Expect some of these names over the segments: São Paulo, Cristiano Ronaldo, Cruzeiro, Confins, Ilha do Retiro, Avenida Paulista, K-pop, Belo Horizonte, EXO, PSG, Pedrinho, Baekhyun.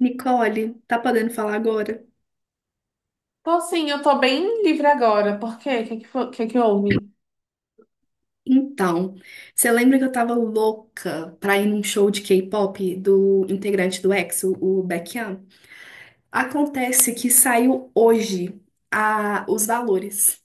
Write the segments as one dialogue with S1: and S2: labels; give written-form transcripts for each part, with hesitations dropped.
S1: Nicole, tá podendo falar agora?
S2: Tô sim, eu tô bem livre agora. Por quê? O que que, que houve?
S1: Então, você lembra que eu tava louca pra ir num show de K-pop do integrante do EXO, o Baekhyun? Acontece que saiu hoje os valores.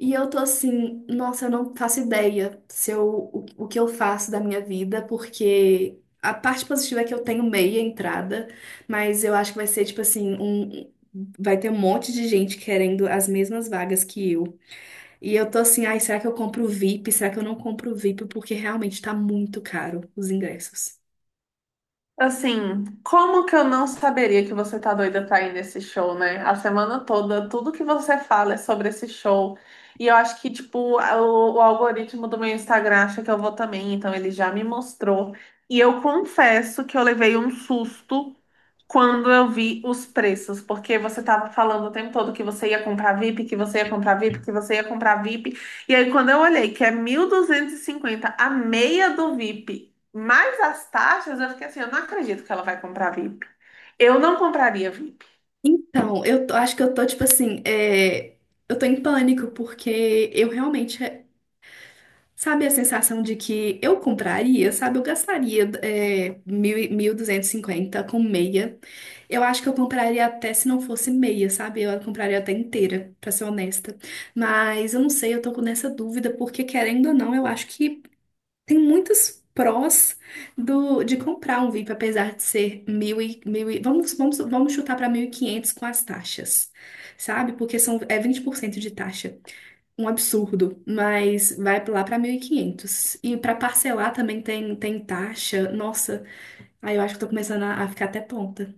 S1: E eu tô assim, nossa, eu não faço ideia se eu, o que eu faço da minha vida, porque a parte positiva é que eu tenho meia entrada, mas eu acho que vai ser tipo assim, vai ter um monte de gente querendo as mesmas vagas que eu. E eu tô assim, ai, será que eu compro o VIP? Será que eu não compro o VIP? Porque realmente tá muito caro os ingressos.
S2: Assim, como que eu não saberia que você tá doida pra ir nesse show, né? A semana toda, tudo que você fala é sobre esse show. E eu acho que, tipo, o algoritmo do meu Instagram acha que eu vou também, então ele já me mostrou. E eu confesso que eu levei um susto quando eu vi os preços, porque você estava falando o tempo todo que você ia comprar VIP, que você ia comprar VIP, que você ia comprar VIP. E aí, quando eu olhei que é 1.250 a meia do VIP, mais as taxas, eu fiquei assim, eu não acredito que ela vai comprar VIP. Eu não compraria VIP.
S1: Acho que eu tô, tipo assim, eu tô em pânico, porque eu realmente, sabe a sensação de que eu compraria, sabe? Eu gastaria 1.250 com meia. Eu acho que eu compraria até se não fosse meia, sabe? Eu compraria até inteira, pra ser honesta. Mas eu não sei, eu tô nessa dúvida, porque querendo ou não, eu acho que tem muitos prós de comprar um VIP, apesar de ser mil e, mil e vamos chutar para 1.500 com as taxas, sabe? Porque é 20% de taxa. Um absurdo, mas vai lá para 1.500 e quinhentos. E para parcelar também tem taxa. Nossa, aí eu acho que tô começando a ficar até tonta.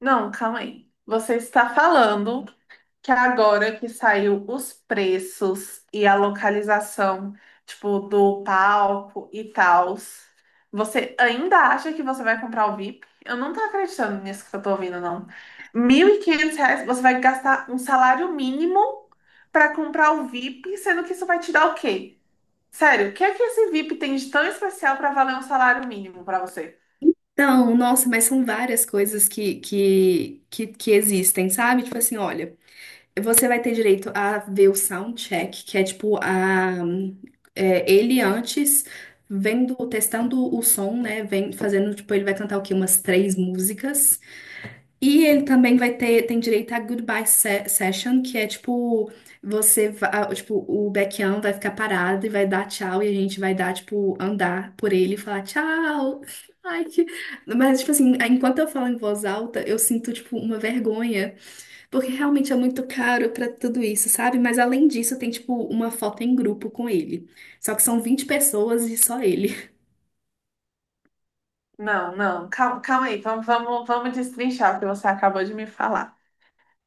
S2: Não, calma aí. Você está falando que agora que saiu os preços e a localização, tipo, do palco e tal, você ainda acha que você vai comprar o VIP? Eu não tô acreditando nisso que eu tô ouvindo, não. 1.500 reais, você vai gastar um salário mínimo para comprar o VIP, sendo que isso vai te dar o quê? Sério, o que é que esse VIP tem de tão especial para valer um salário mínimo para você?
S1: Então, nossa, mas são várias coisas que existem, sabe? Tipo assim, olha. Você vai ter direito a ver o soundcheck, que é tipo ele antes vendo, testando o som, né? Vem fazendo, tipo, ele vai cantar o quê? Umas três músicas. E ele também tem direito a goodbye session, que é tipo, tipo, o Baekhyun vai ficar parado e vai dar tchau, e a gente vai dar, tipo, andar por ele e falar tchau. Ai, que... Mas, tipo assim, enquanto eu falo em voz alta, eu sinto, tipo, uma vergonha. Porque realmente é muito caro pra tudo isso, sabe? Mas além disso, tem tipo uma foto em grupo com ele. Só que são 20 pessoas e só ele.
S2: Não, não, calma, calma aí, vamos, vamos, vamos destrinchar o que você acabou de me falar.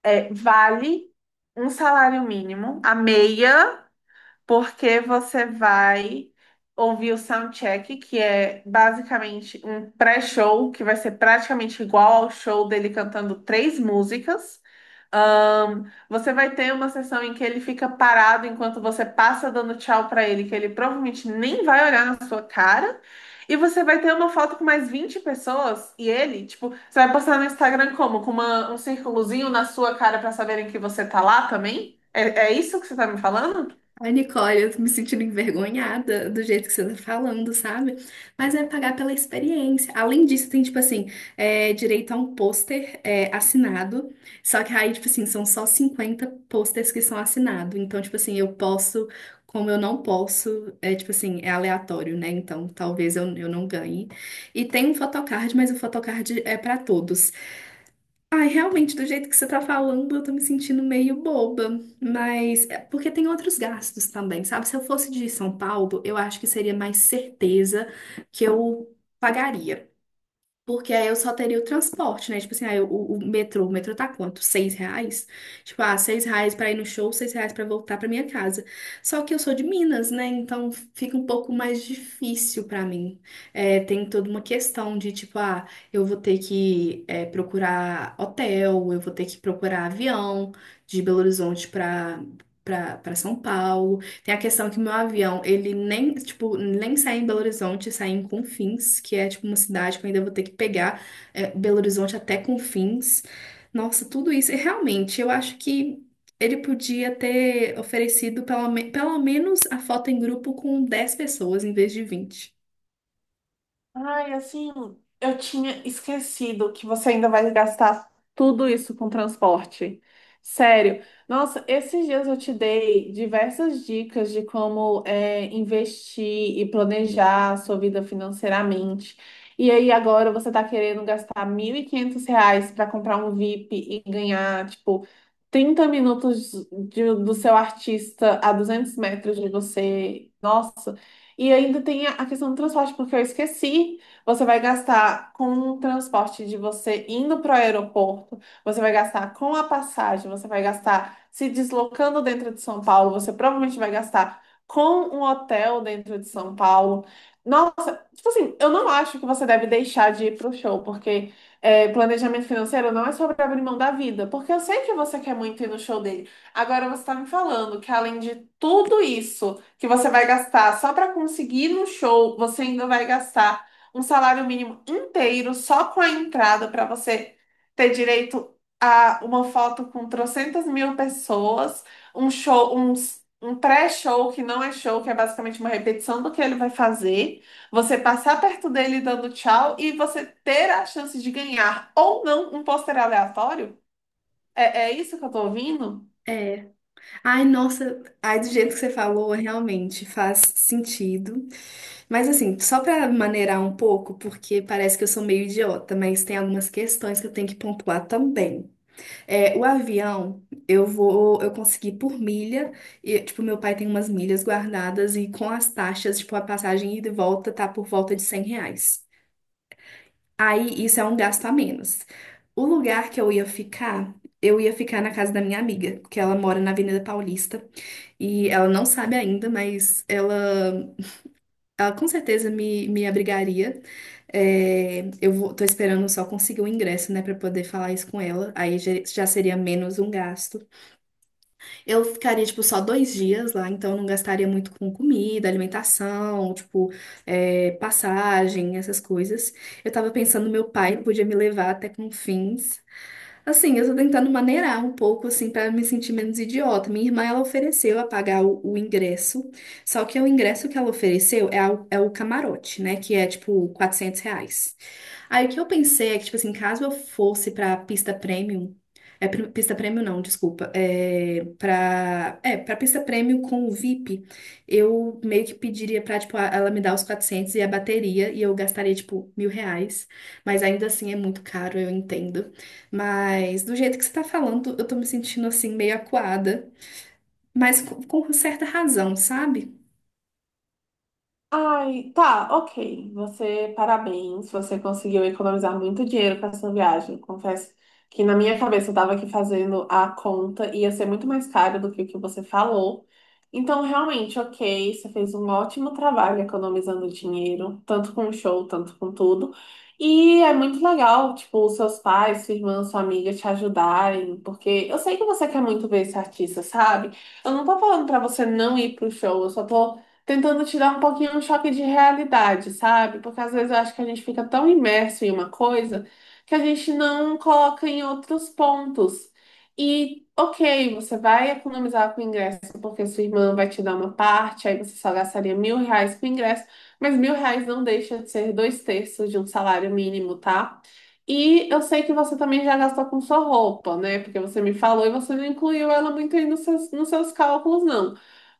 S2: Vale um salário mínimo, a meia porque você vai ouvir o soundcheck, que é basicamente um pré-show, que vai ser praticamente igual ao show dele cantando três músicas. Ahn, Você vai ter uma sessão em que ele fica parado enquanto você passa dando tchau para ele, que ele provavelmente nem vai olhar na sua cara. E você vai ter uma foto com mais 20 pessoas e ele, tipo, você vai postar no Instagram como? Com um círculozinho na sua cara para saberem que você tá lá também? É, é isso que você tá me falando?
S1: Ai, Nicole, eu tô me sentindo envergonhada do jeito que você tá falando, sabe? Mas é pagar pela experiência. Além disso, tem, tipo assim, direito a um pôster assinado. Só que aí, tipo assim, são só 50 pôsteres que são assinados. Então, tipo assim, eu posso, como eu não posso, é tipo assim, é aleatório, né? Então, talvez eu não ganhe. E tem um photocard, mas o photocard é pra todos. Ai, realmente, do jeito que você tá falando, eu tô me sentindo meio boba. Mas é porque tem outros gastos também, sabe? Se eu fosse de São Paulo, eu acho que seria mais certeza que eu pagaria. Porque aí eu só teria o transporte, né? Tipo assim, aí o metrô tá quanto? 6 reais? Tipo, ah, 6 reais pra ir no show, 6 reais pra voltar pra minha casa. Só que eu sou de Minas, né? Então fica um pouco mais difícil pra mim. É, tem toda uma questão de, tipo, ah, eu vou ter que procurar hotel, eu vou ter que procurar avião de Belo Horizonte pra São Paulo. Tem a questão que meu avião, ele nem, tipo, nem sai em Belo Horizonte, sai em Confins, que é, tipo, uma cidade que eu ainda vou ter que pegar Belo Horizonte até Confins. Nossa, tudo isso. E realmente, eu acho que ele podia ter oferecido pelo menos a foto em grupo com 10 pessoas em vez de 20.
S2: Ai, assim, eu tinha esquecido que você ainda vai gastar tudo isso com transporte. Sério. Nossa, esses dias eu te dei diversas dicas de como investir e planejar a sua vida financeiramente. E aí agora você tá querendo gastar 1.500 reais para comprar um VIP e ganhar, tipo, 30 minutos do seu artista a 200 metros de você. Nossa. E ainda tem a questão do transporte, porque eu esqueci. Você vai gastar com o transporte de você indo para o aeroporto, você vai gastar com a passagem, você vai gastar se deslocando dentro de São Paulo, você provavelmente vai gastar com um hotel dentro de São Paulo. Tipo assim, eu não acho que você deve deixar de ir pro show, porque planejamento financeiro não é sobre abrir mão da vida, porque eu sei que você quer muito ir no show dele. Agora você tá me falando que além de tudo isso que você vai gastar só para conseguir ir no show, você ainda vai gastar um salário mínimo inteiro só com a entrada para você ter direito a uma foto com trocentas mil pessoas, um show, um pré-show que não é show, que é basicamente uma repetição do que ele vai fazer. Você passar perto dele dando tchau e você ter a chance de ganhar ou não um pôster aleatório? É, é isso que eu tô ouvindo?
S1: É. Ai, nossa. Ai, do jeito que você falou, realmente faz sentido. Mas assim, só para maneirar um pouco, porque parece que eu sou meio idiota, mas tem algumas questões que eu tenho que pontuar também. É, o avião, eu consegui por milha, e tipo, meu pai tem umas milhas guardadas e com as taxas, tipo, a passagem ida e volta tá por volta de 100 reais. Aí isso é um gasto a menos. O lugar que eu ia ficar na casa da minha amiga, que ela mora na Avenida Paulista, e ela não sabe ainda, mas ela com certeza me abrigaria. É, eu vou, tô esperando só conseguir o ingresso, né, pra poder falar isso com ela. Aí já seria menos um gasto. Eu ficaria, tipo, só 2 dias lá, então eu não gastaria muito com comida, alimentação, tipo, passagem, essas coisas. Eu tava pensando, meu pai podia me levar até Confins. Assim, eu tô tentando maneirar um pouco, assim, para me sentir menos idiota. Minha irmã, ela ofereceu a pagar o ingresso, só que o ingresso que ela ofereceu é o camarote, né? Que é, tipo, 400 reais. Aí o que eu pensei é que, tipo assim, caso eu fosse pra pista premium, pista premium não, desculpa, pra pista premium com o VIP, eu meio que pediria pra, tipo, ela me dar os 400 e a bateria, e eu gastaria, tipo, 1.000 reais. Mas ainda assim é muito caro, eu entendo. Mas do jeito que você tá falando, eu tô me sentindo assim meio acuada, mas com certa razão, sabe?
S2: Ai, tá, ok. Você, parabéns, você conseguiu economizar muito dinheiro com essa viagem. Confesso que na minha cabeça eu tava aqui fazendo a conta, ia ser muito mais caro do que o que você falou. Então, realmente, ok, você fez um ótimo trabalho economizando dinheiro, tanto com o show, tanto com tudo. E é muito legal, tipo, os seus pais, sua irmã, sua amiga te ajudarem, porque eu sei que você quer muito ver esse artista, sabe? Eu não tô falando pra você não ir pro show, eu só tô tentando te dar um pouquinho um choque de realidade, sabe? Porque às vezes eu acho que a gente fica tão imerso em uma coisa que a gente não coloca em outros pontos. E, ok, você vai economizar com o ingresso porque sua irmã vai te dar uma parte, aí você só gastaria 1.000 reais com o ingresso, mas 1.000 reais não deixa de ser dois terços de um salário mínimo, tá? E eu sei que você também já gastou com sua roupa, né? Porque você me falou e você não incluiu ela muito aí nos seus cálculos, não.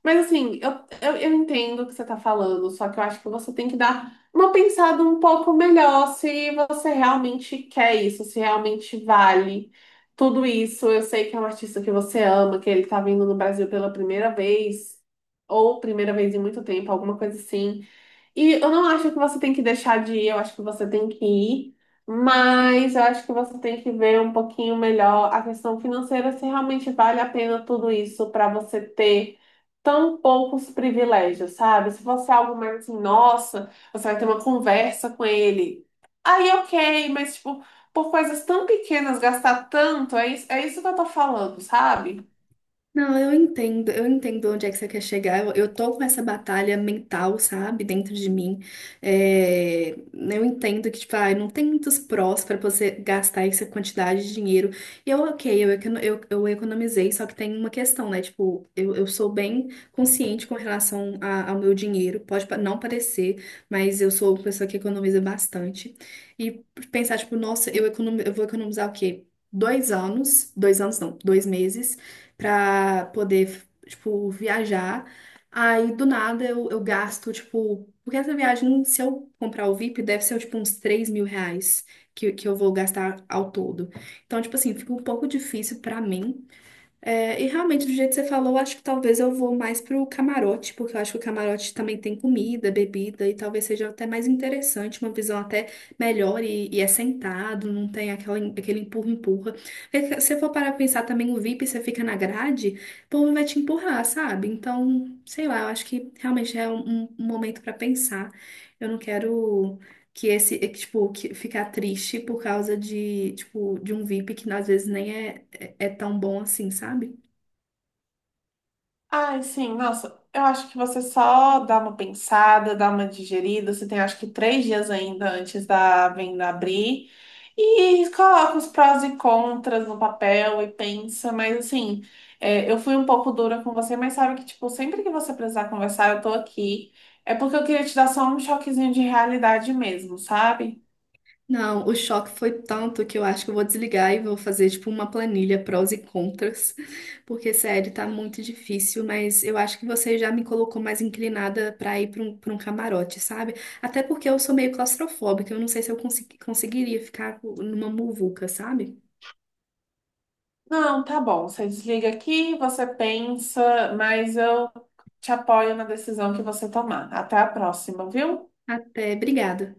S2: Mas assim, eu entendo o que você está falando, só que eu acho que você tem que dar uma pensada um pouco melhor se você realmente quer isso, se realmente vale tudo isso. Eu sei que é um artista que você ama, que ele está vindo no Brasil pela primeira vez, ou primeira vez em muito tempo, alguma coisa assim. E eu não acho que você tem que deixar de ir, eu acho que você tem que ir, mas eu acho que você tem que ver um pouquinho melhor a questão financeira, se realmente vale a pena tudo isso para você ter tão poucos privilégios, sabe? Se fosse algo mais assim, nossa, você vai ter uma conversa com ele. Aí, ok, mas tipo, por coisas tão pequenas, gastar tanto, é isso que eu tô falando, sabe?
S1: Não, eu entendo, eu, entendo onde é que você quer chegar. eu tô com essa batalha mental, sabe, dentro de mim. É, eu entendo que, tipo, ah, não tem muitos prós pra você gastar essa quantidade de dinheiro. E eu, ok, eu economizei, só que tem uma questão, né? Tipo, eu sou bem consciente com relação ao meu dinheiro. Pode não parecer, mas eu sou uma pessoa que economiza bastante. E pensar, tipo, nossa, eu vou economizar o quê? 2 anos, 2 anos não, 2 meses pra poder, tipo, viajar. Aí, do nada, eu gasto, tipo, porque essa viagem, se eu comprar o VIP, deve ser, tipo, uns 3.000 reais que eu vou gastar ao todo. Então, tipo assim, fica um pouco difícil pra mim, e realmente, do jeito que você falou, acho que talvez eu vou mais pro camarote, porque eu acho que o camarote também tem comida, bebida, e talvez seja até mais interessante, uma visão até melhor e é sentado, não tem aquele empurra-empurra. Porque se eu for parar pra pensar também, o VIP, você fica na grade, o povo vai te empurrar, sabe? Então, sei lá, eu acho que realmente é um momento pra pensar. Eu não quero que esse, que, tipo, que ficar triste por causa de, tipo, de um VIP que às vezes nem é tão bom assim, sabe?
S2: Ai, sim, nossa, eu acho que você só dá uma pensada, dá uma digerida. Você tem acho que 3 dias ainda antes da venda abrir. E coloca os prós e contras no papel e pensa, mas assim, eu fui um pouco dura com você, mas sabe que, tipo, sempre que você precisar conversar, eu tô aqui. É porque eu queria te dar só um choquezinho de realidade mesmo, sabe?
S1: Não, o choque foi tanto que eu acho que eu vou desligar e vou fazer tipo uma planilha prós e contras, porque sério, tá muito difícil, mas eu acho que você já me colocou mais inclinada pra ir pra um camarote, sabe? Até porque eu sou meio claustrofóbica, eu não sei se eu conseguiria ficar numa muvuca, sabe?
S2: Não, tá bom, você desliga aqui, você pensa, mas eu te apoio na decisão que você tomar. Até a próxima, viu?
S1: Até, obrigada.